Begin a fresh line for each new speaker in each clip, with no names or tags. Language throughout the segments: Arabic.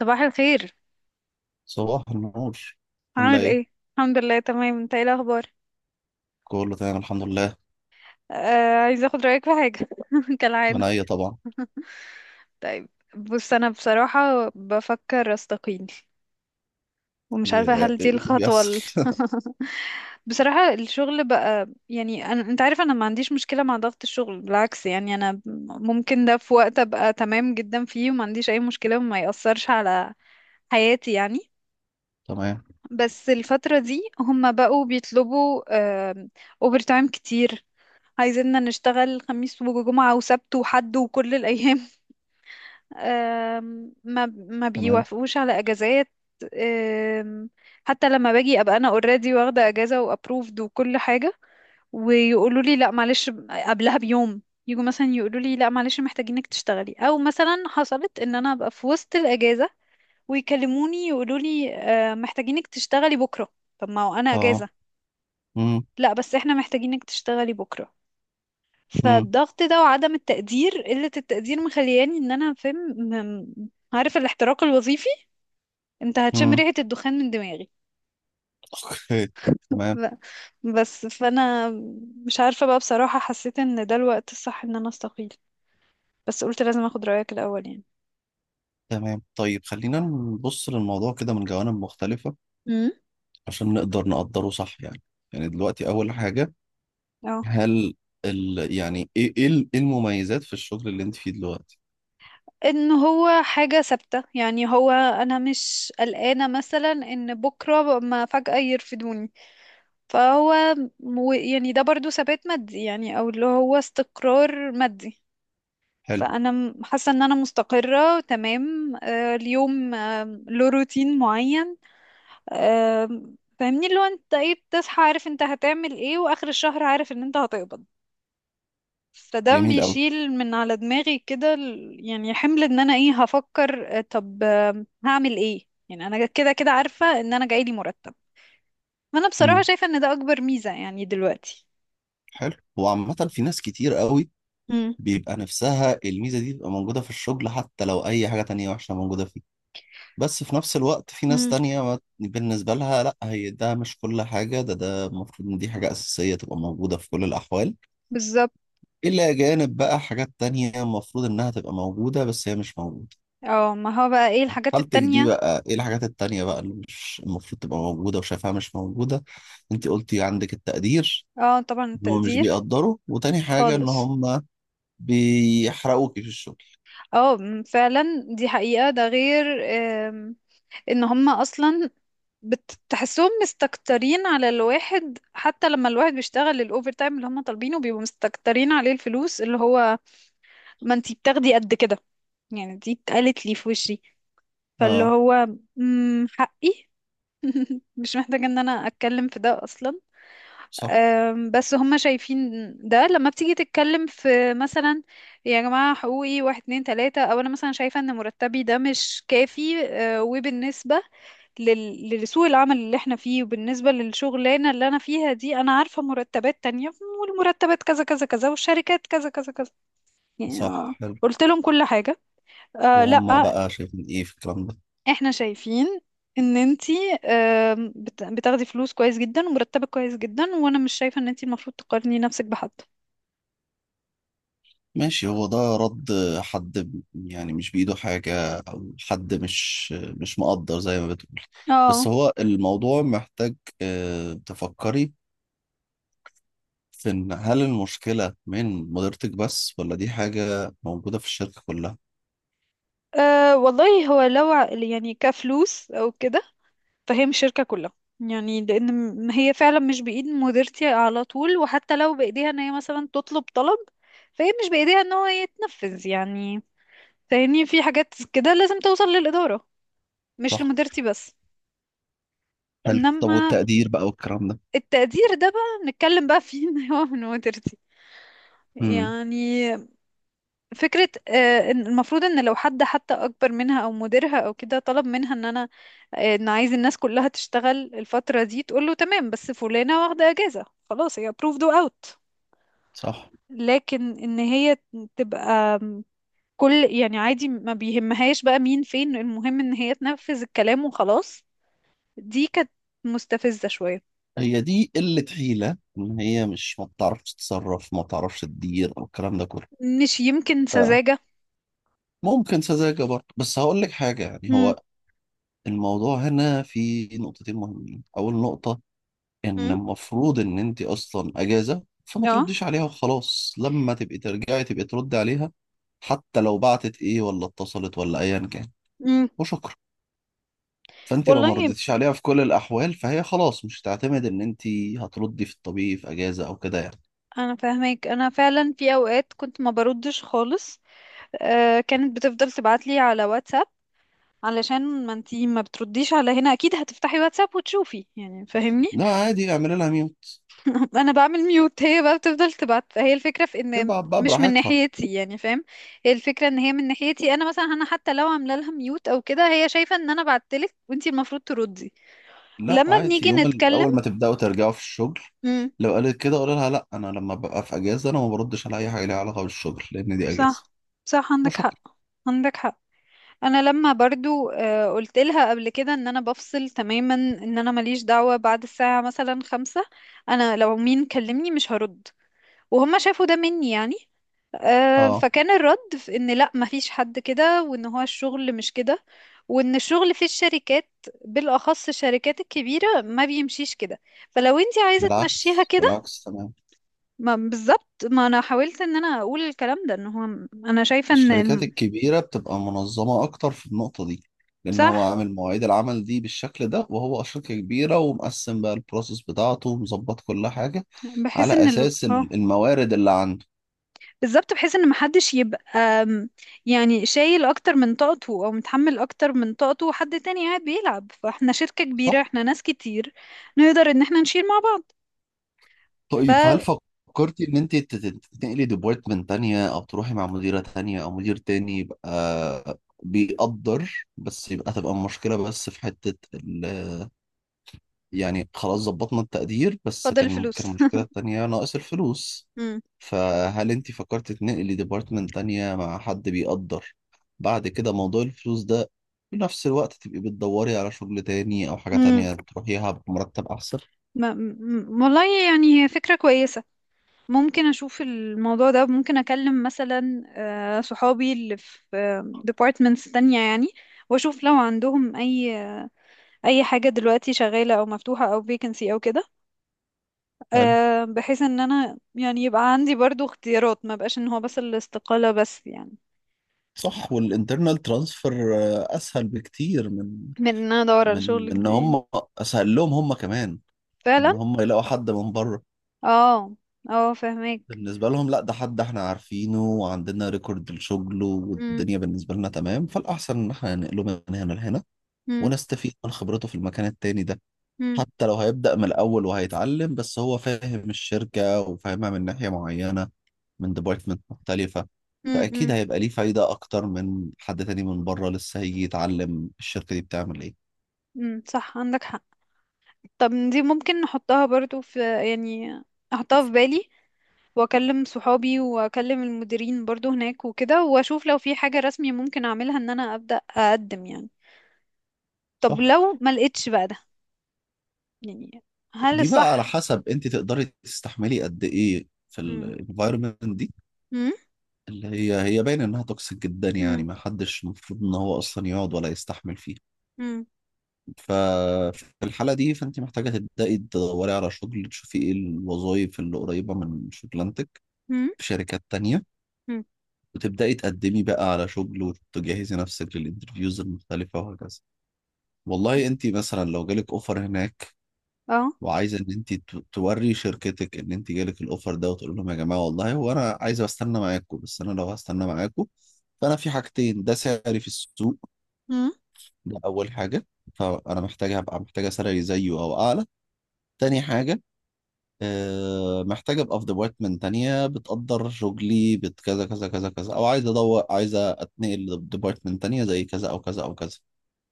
صباح الخير.
صباح النور. عاملة
عامل
ايه؟
ايه؟ الحمد لله، تمام. انت ايه الاخبار؟
كله تمام، الحمد لله.
آه، عايزه اخد رايك في حاجه كالعاده.
انا؟ ايه طبعا.
طيب، بص، انا بصراحه بفكر استقيل، ومش عارفه
إيه
هل دي
اللي
الخطوه
بيحصل؟
بصراحه الشغل بقى، يعني انت عارف انا ما عنديش مشكله مع ضغط الشغل، بالعكس، يعني انا ممكن ده في وقت ابقى تمام جدا فيه، وما عنديش اي مشكله، وما يأثرش على حياتي يعني.
تمام.
بس الفترة دي هم بقوا بيطلبوا اوفر تايم كتير، عايزيننا نشتغل خميس وجمعة وسبت وحد وكل الأيام. ما
تمام.
بيوافقوش على أجازات. آم، حتى لما باجي أبقى أنا اوريدي، واخدة أجازة وأبروفد وكل حاجة، ويقولوا لي لا معلش قبلها بيوم، يجوا مثلا يقولوا لي لا معلش محتاجينك تشتغلي، أو مثلا حصلت إن أنا أبقى في وسط الأجازة ويكلموني يقولوا لي محتاجينك تشتغلي بكرة. طب ما هو أنا
اه.
أجازة.
امم.
لا، بس احنا محتاجينك تشتغلي بكرة.
امم.
فالضغط ده وعدم التقدير، قلة التقدير، مخلياني ان انا فاهم، عارف الاحتراق الوظيفي. انت هتشم
امم.
ريحة الدخان من دماغي.
اوكي. تمام.
ب- بس فانا مش عارفة بقى، بصراحة حسيت ان ده الوقت الصح ان انا استقيل، بس قلت لازم اخد رأيك الاول يعني.
تمام. طيب، خلينا نبص للموضوع كده من جوانب مختلفة،
امم.
عشان نقدر نقدره صح يعني دلوقتي اول حاجة،
اه.
هل يعني إيه المميزات في الشغل اللي انت فيه دلوقتي؟
ان هو حاجة ثابتة، يعني هو انا مش قلقانة مثلا ان بكرة ما فجأة يرفدوني. فهو يعني ده برضو ثبات مادي يعني، او اللي هو استقرار مادي.
حلو.
فانا حاسة ان انا مستقرة تمام. اليوم له روتين معين. آه، فاهمني اللي هو انت ايه بتصحى عارف انت هتعمل ايه، واخر الشهر عارف ان انت هتقبض. فده
جميل قوي.
بيشيل من على دماغي كده يعني حمل ان انا ايه هفكر. طب هعمل ايه يعني، انا كده كده عارفة ان انا جايلي مرتب. انا بصراحة
امم.
شايفة ان ده اكبر ميزة، يعني دلوقتي.
حلو، وعامة في ناس كتير قوي
امم.
بيبقى نفسها الميزة دي تبقى موجودة في الشغل، حتى لو أي حاجة تانية وحشة موجودة فيه. بس في نفس الوقت في ناس
امم.
تانية، بالنسبة لها لأ، هي ده مش كل حاجة، ده المفروض إن دي حاجة أساسية تبقى موجودة في كل الأحوال.
بالظبط.
إلا جانب بقى حاجات تانية المفروض إنها تبقى موجودة بس هي مش موجودة.
اه، ما هو بقى ايه الحاجات
حالتك دي
التانية؟
بقى، إيه الحاجات التانية بقى اللي مش المفروض تبقى موجودة وشايفها مش موجودة؟ أنت قلتي عندك التقدير،
اه، طبعا
إن هما مش
التقدير.
بيقدروا، وتاني حاجة إن
خالص.
هما بيحرقوكي في الشغل.
اه، فعلا. دي حقيقة، ده غير آم، ان هما اصلا بتحسهم مستكترين على الواحد، حتى لما الواحد بيشتغل الاوفر تايم اللي هما طالبينه بيبقوا مستكترين عليه. الفلوس اللي هو ما انتي بتاخدي قد كده، يعني دي اتقالت لي في وشي. فاللي
آه.
هو حقي، مش محتاجة ان انا اتكلم في ده اصلا.
صح.
بس هما شايفين ده لما بتيجي تتكلم في مثلا يا جماعة حقوقي واحد اتنين تلاتة، او انا مثلا شايفة ان مرتبي ده مش كافي وبالنسبة لسوق العمل اللي احنا فيه، وبالنسبة للشغلانة اللي انا فيها دي انا عارفة مرتبات تانية، والمرتبات كذا كذا كذا والشركات كذا كذا كذا يعني.
صح،
قلت لهم كل حاجة. آه،
وهم
لا.
بقى شايفين ايه في الكلام ده؟
احنا شايفين ان انتي بتاخدي فلوس كويس جدا، ومرتبك كويس جدا، وانا مش شايفة ان انتي المفروض تقارني نفسك بحد.
ماشي، هو ده رد حد يعني مش بإيده حاجة، أو حد مش مقدر زي ما بتقول. بس
اه.
هو الموضوع محتاج تفكري في إن هل المشكلة من مديرتك بس، ولا دي حاجة موجودة في الشركة كلها.
أه والله، هو لو يعني كفلوس او كده، فهي مش شركة كلها. يعني لان هي فعلا مش بايد مديرتي على طول، وحتى لو بايديها ان هي مثلا تطلب طلب، فهي مش بايديها ان هو يتنفذ يعني. فاهمني، في حاجات كده لازم توصل للإدارة، مش
صح.
لمديرتي بس.
حلو. طب
انما
والتقدير بقى والكلام ده؟
التقدير ده بقى نتكلم بقى فيه ان هو من مديرتي
امم.
يعني. فكرة إن المفروض ان لو حد حتى اكبر منها او مديرها او كده طلب منها ان انا ان عايز الناس كلها تشتغل الفترة دي، تقول له تمام بس فلانة واخدة اجازة. خلاص هي approved و out.
صح.
لكن ان هي تبقى كل يعني عادي، ما بيهمهاش بقى مين فين، المهم ان هي تنفذ الكلام وخلاص. دي كانت مستفزة شوية.
هي دي قلة حيلة، إن هي مش ما بتعرفش تتصرف، ما بتعرفش تدير، أو الكلام ده كله؟
مش يمكن سذاجة؟
ممكن سذاجة برضه، بس هقول لك حاجة. يعني
امم.
هو الموضوع هنا في نقطتين مهمين. أول نقطة، إن
امم.
المفروض إن أنت أصلا أجازة فما
اه.
ترديش عليها وخلاص، لما تبقي ترجعي تبقي تردي عليها. حتى لو بعتت إيه، ولا اتصلت، ولا أيا كان.
امم.
وشكرا. فأنت لو ما
والله
ردتيش عليها في كل الأحوال فهي خلاص مش هتعتمد إن أنت هتردي في الطبيعي في أجازة أو كده يعني.
انا فاهمك، انا فعلا في اوقات كنت ما بردش خالص. آه، كانت بتفضل تبعتلي على واتساب، علشان ما انتي ما بترديش على هنا اكيد هتفتحي واتساب وتشوفي يعني. فاهمني.
لا عادي، اعملي لها ميوت.
انا بعمل ميوت، هي بقى بتفضل تبعت. هي الفكرة في ان
تبعت بقى
مش من
براحتها.
ناحيتي يعني، فاهم؟ هي الفكرة ان هي من ناحيتي، انا مثلا انا حتى لو عامله لها ميوت او كده، هي شايفة ان انا بعتلك وانتي المفروض تردي
لا
لما
عادي،
بنيجي
يوم
نتكلم.
اول ما تبداوا ترجعوا في الشغل،
امم.
لو قالت كده قول لها: لا، انا لما ببقى في اجازه انا ما بردش على اي حاجه ليها علاقه بالشغل، لان دي اجازه.
صح. صح، عندك
وشكرا.
حق. عندك حق. انا لما برضو قلت لها قبل كده ان انا بفصل تماما، ان انا ماليش دعوة بعد الساعة مثلا خمسة. انا لو مين كلمني مش هرد. وهم شافوا ده مني يعني.
اه.
فكان الرد في ان لا، مفيش حد كده، وان هو الشغل مش كده، وان الشغل في الشركات، بالاخص الشركات الكبيرة، ما بيمشيش كده. فلو انتي عايزة تمشيها
بالعكس،
كده.
بالعكس، تمام.
ما بالظبط، ما انا حاولت ان انا اقول الكلام ده، ان هو انا شايفة ان
الشركات الكبيره بتبقى منظمه اكتر في النقطه دي، لان هو
صح.
عامل مواعيد العمل دي بالشكل ده، وهو شركه كبيره ومقسم بقى البروسيس بتاعته ومظبط كل حاجه
بحيث
على
ان
اساس
اه،
الموارد اللي عنده.
بالظبط، بحيث ان محدش يبقى م، يعني شايل اكتر من طاقته، او متحمل اكتر من طاقته، وحد تاني قاعد بيلعب. فاحنا شركة كبيرة،
صح.
احنا ناس كتير، نقدر ان احنا نشيل مع بعض.
طيب، هل
ففضل
فكرتي ان انت تنقلي ديبارتمنت تانية، او تروحي مع مديرة تانية او مدير تاني يبقى بيقدر، بس يبقى تبقى المشكلة بس في حتة ال... يعني خلاص ظبطنا التقدير، بس كان
الفلوس.
كان المشكلة التانية ناقص الفلوس.
مم.
فهل انت فكرتي تنقلي ديبارتمنت تانية مع حد بيقدر، بعد كده موضوع الفلوس ده في نفس الوقت تبقي بتدوري على شغل تاني، او حاجة
مم.
تانية تروحيها بمرتب احسن؟
والله يعني هي فكرة كويسة. ممكن أشوف الموضوع ده، ممكن أكلم مثلا صحابي اللي في ديبارتمنتس تانية يعني. وأشوف لو عندهم أي حاجة دلوقتي شغالة، أو مفتوحة، أو vacancy أو كده.
هل
بحيث ان انا يعني يبقى عندي برضو اختيارات، ما بقاش ان هو بس الاستقالة بس يعني.
صح. والانترنال ترانسفير اسهل بكتير من
من ان انا ادور على
من من
شغل
ان
جديد.
هم... اسهل لهم هم كمان
فعلا.
ان هم يلاقوا حد من بره.
اه. اه، فهمك.
بالنسبه لهم، لا، ده حد احنا عارفينه وعندنا ريكورد لشغله
امم.
والدنيا بالنسبه لنا تمام، فالاحسن ان احنا ننقله من هنا لهنا،
امم.
ونستفيد من خبرته في المكان التاني ده.
امم.
حتى لو هيبدا من الاول وهيتعلم، بس هو فاهم الشركه وفاهمها من ناحيه معينه، من ديبارتمنت مختلفة، فأكيد
امم.
هيبقى ليه فايدة أكتر من حد تاني من بره لسه هيجي يتعلم الشركة دي بتعمل إيه.
امم. صح، عندك حق. طب دي ممكن نحطها برضو في، يعني احطها في بالي، واكلم صحابي واكلم المديرين برضو هناك وكده، واشوف لو في حاجة رسمي ممكن اعملها ان انا ابدأ اقدم يعني. طب
صح؟
لو ما لقيتش بقى ده يعني، هل
دي بقى على
الصح؟
حسب أنت تقدري تستحملي قد إيه في
امم.
الانفايرمنت دي، اللي هي باين إنها توكسيك جدا، يعني
امم.
ما حدش المفروض إن هو أصلا يقعد ولا يستحمل فيها.
مم.
ففي الحالة دي فأنت محتاجة تبدأي تدوري على شغل، تشوفي إيه الوظائف اللي قريبة من شغلانتك
مم.
في شركات تانية،
مم.
وتبدأي تقدمي بقى على شغل، وتجهزي نفسك للانترفيوز المختلفة، وهكذا. والله انت مثلا لو جالك اوفر هناك،
اه.
وعايزة ان انت توري شركتك ان انت جالك الاوفر ده، وتقول لهم: يا جماعة، والله هو انا عايزة استنى معاكم، بس انا لو هستنى معاكم فانا في حاجتين. ده سعري في السوق،
مم.
ده اول حاجة، فانا محتاجة هبقى محتاجة سعري زيه او اعلى. تاني حاجة، محتاج ابقى في ديبارتمنت تانية بتقدر شغلي بكذا كذا كذا كذا كذا، او عايز ادور عايز اتنقل لديبارتمنت تانية زي كذا او كذا او كذا.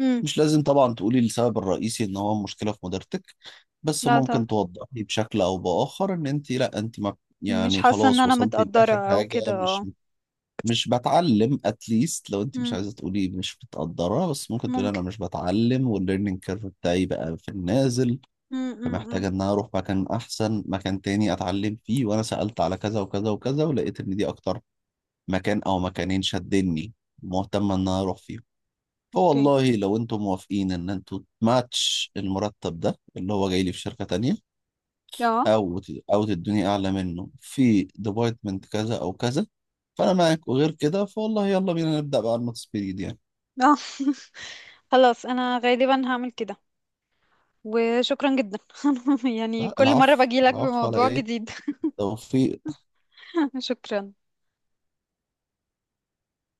مم.
مش لازم طبعا تقولي السبب الرئيسي ان هو مشكلة في مديرتك، بس
لا، طب
ممكن توضحي بشكل او باخر ان انت، لا انت ما...
مش
يعني
حاسة ان
خلاص
انا
وصلتي
متقدرة
لاخر
او
حاجة،
كده، اه.
مش بتعلم، اتليست لو انت مش
مم.
عايزة تقولي مش بتقدرها بس ممكن تقولي
ممكن.
انا مش بتعلم، والليرنينج كيرف بتاعي بقى في النازل.
مم. مم. مم.
فمحتاجة ان انا اروح مكان احسن، مكان تاني اتعلم فيه، وانا سألت على كذا وكذا وكذا ولقيت ان دي اكتر مكان او مكانين شدني، مهتمة ان انا اروح فيهم.
اوكي.
فوالله لو انتم موافقين ان انتوا تماتش المرتب ده اللي هو جاي لي في شركة تانية،
اه.
او او تدوني اعلى منه في ديبارتمنت كذا او كذا، فانا معاك. وغير كده فوالله يلا بينا نبدأ بقى الماكس بيريد يعني.
اه. خلاص انا غالبا هعمل كده. وشكرا جدا. يعني
لا
كل مرة
العفو.
باجي لك
العفو على
بموضوع
ايه؟
جديد.
توفيق.
شكرا.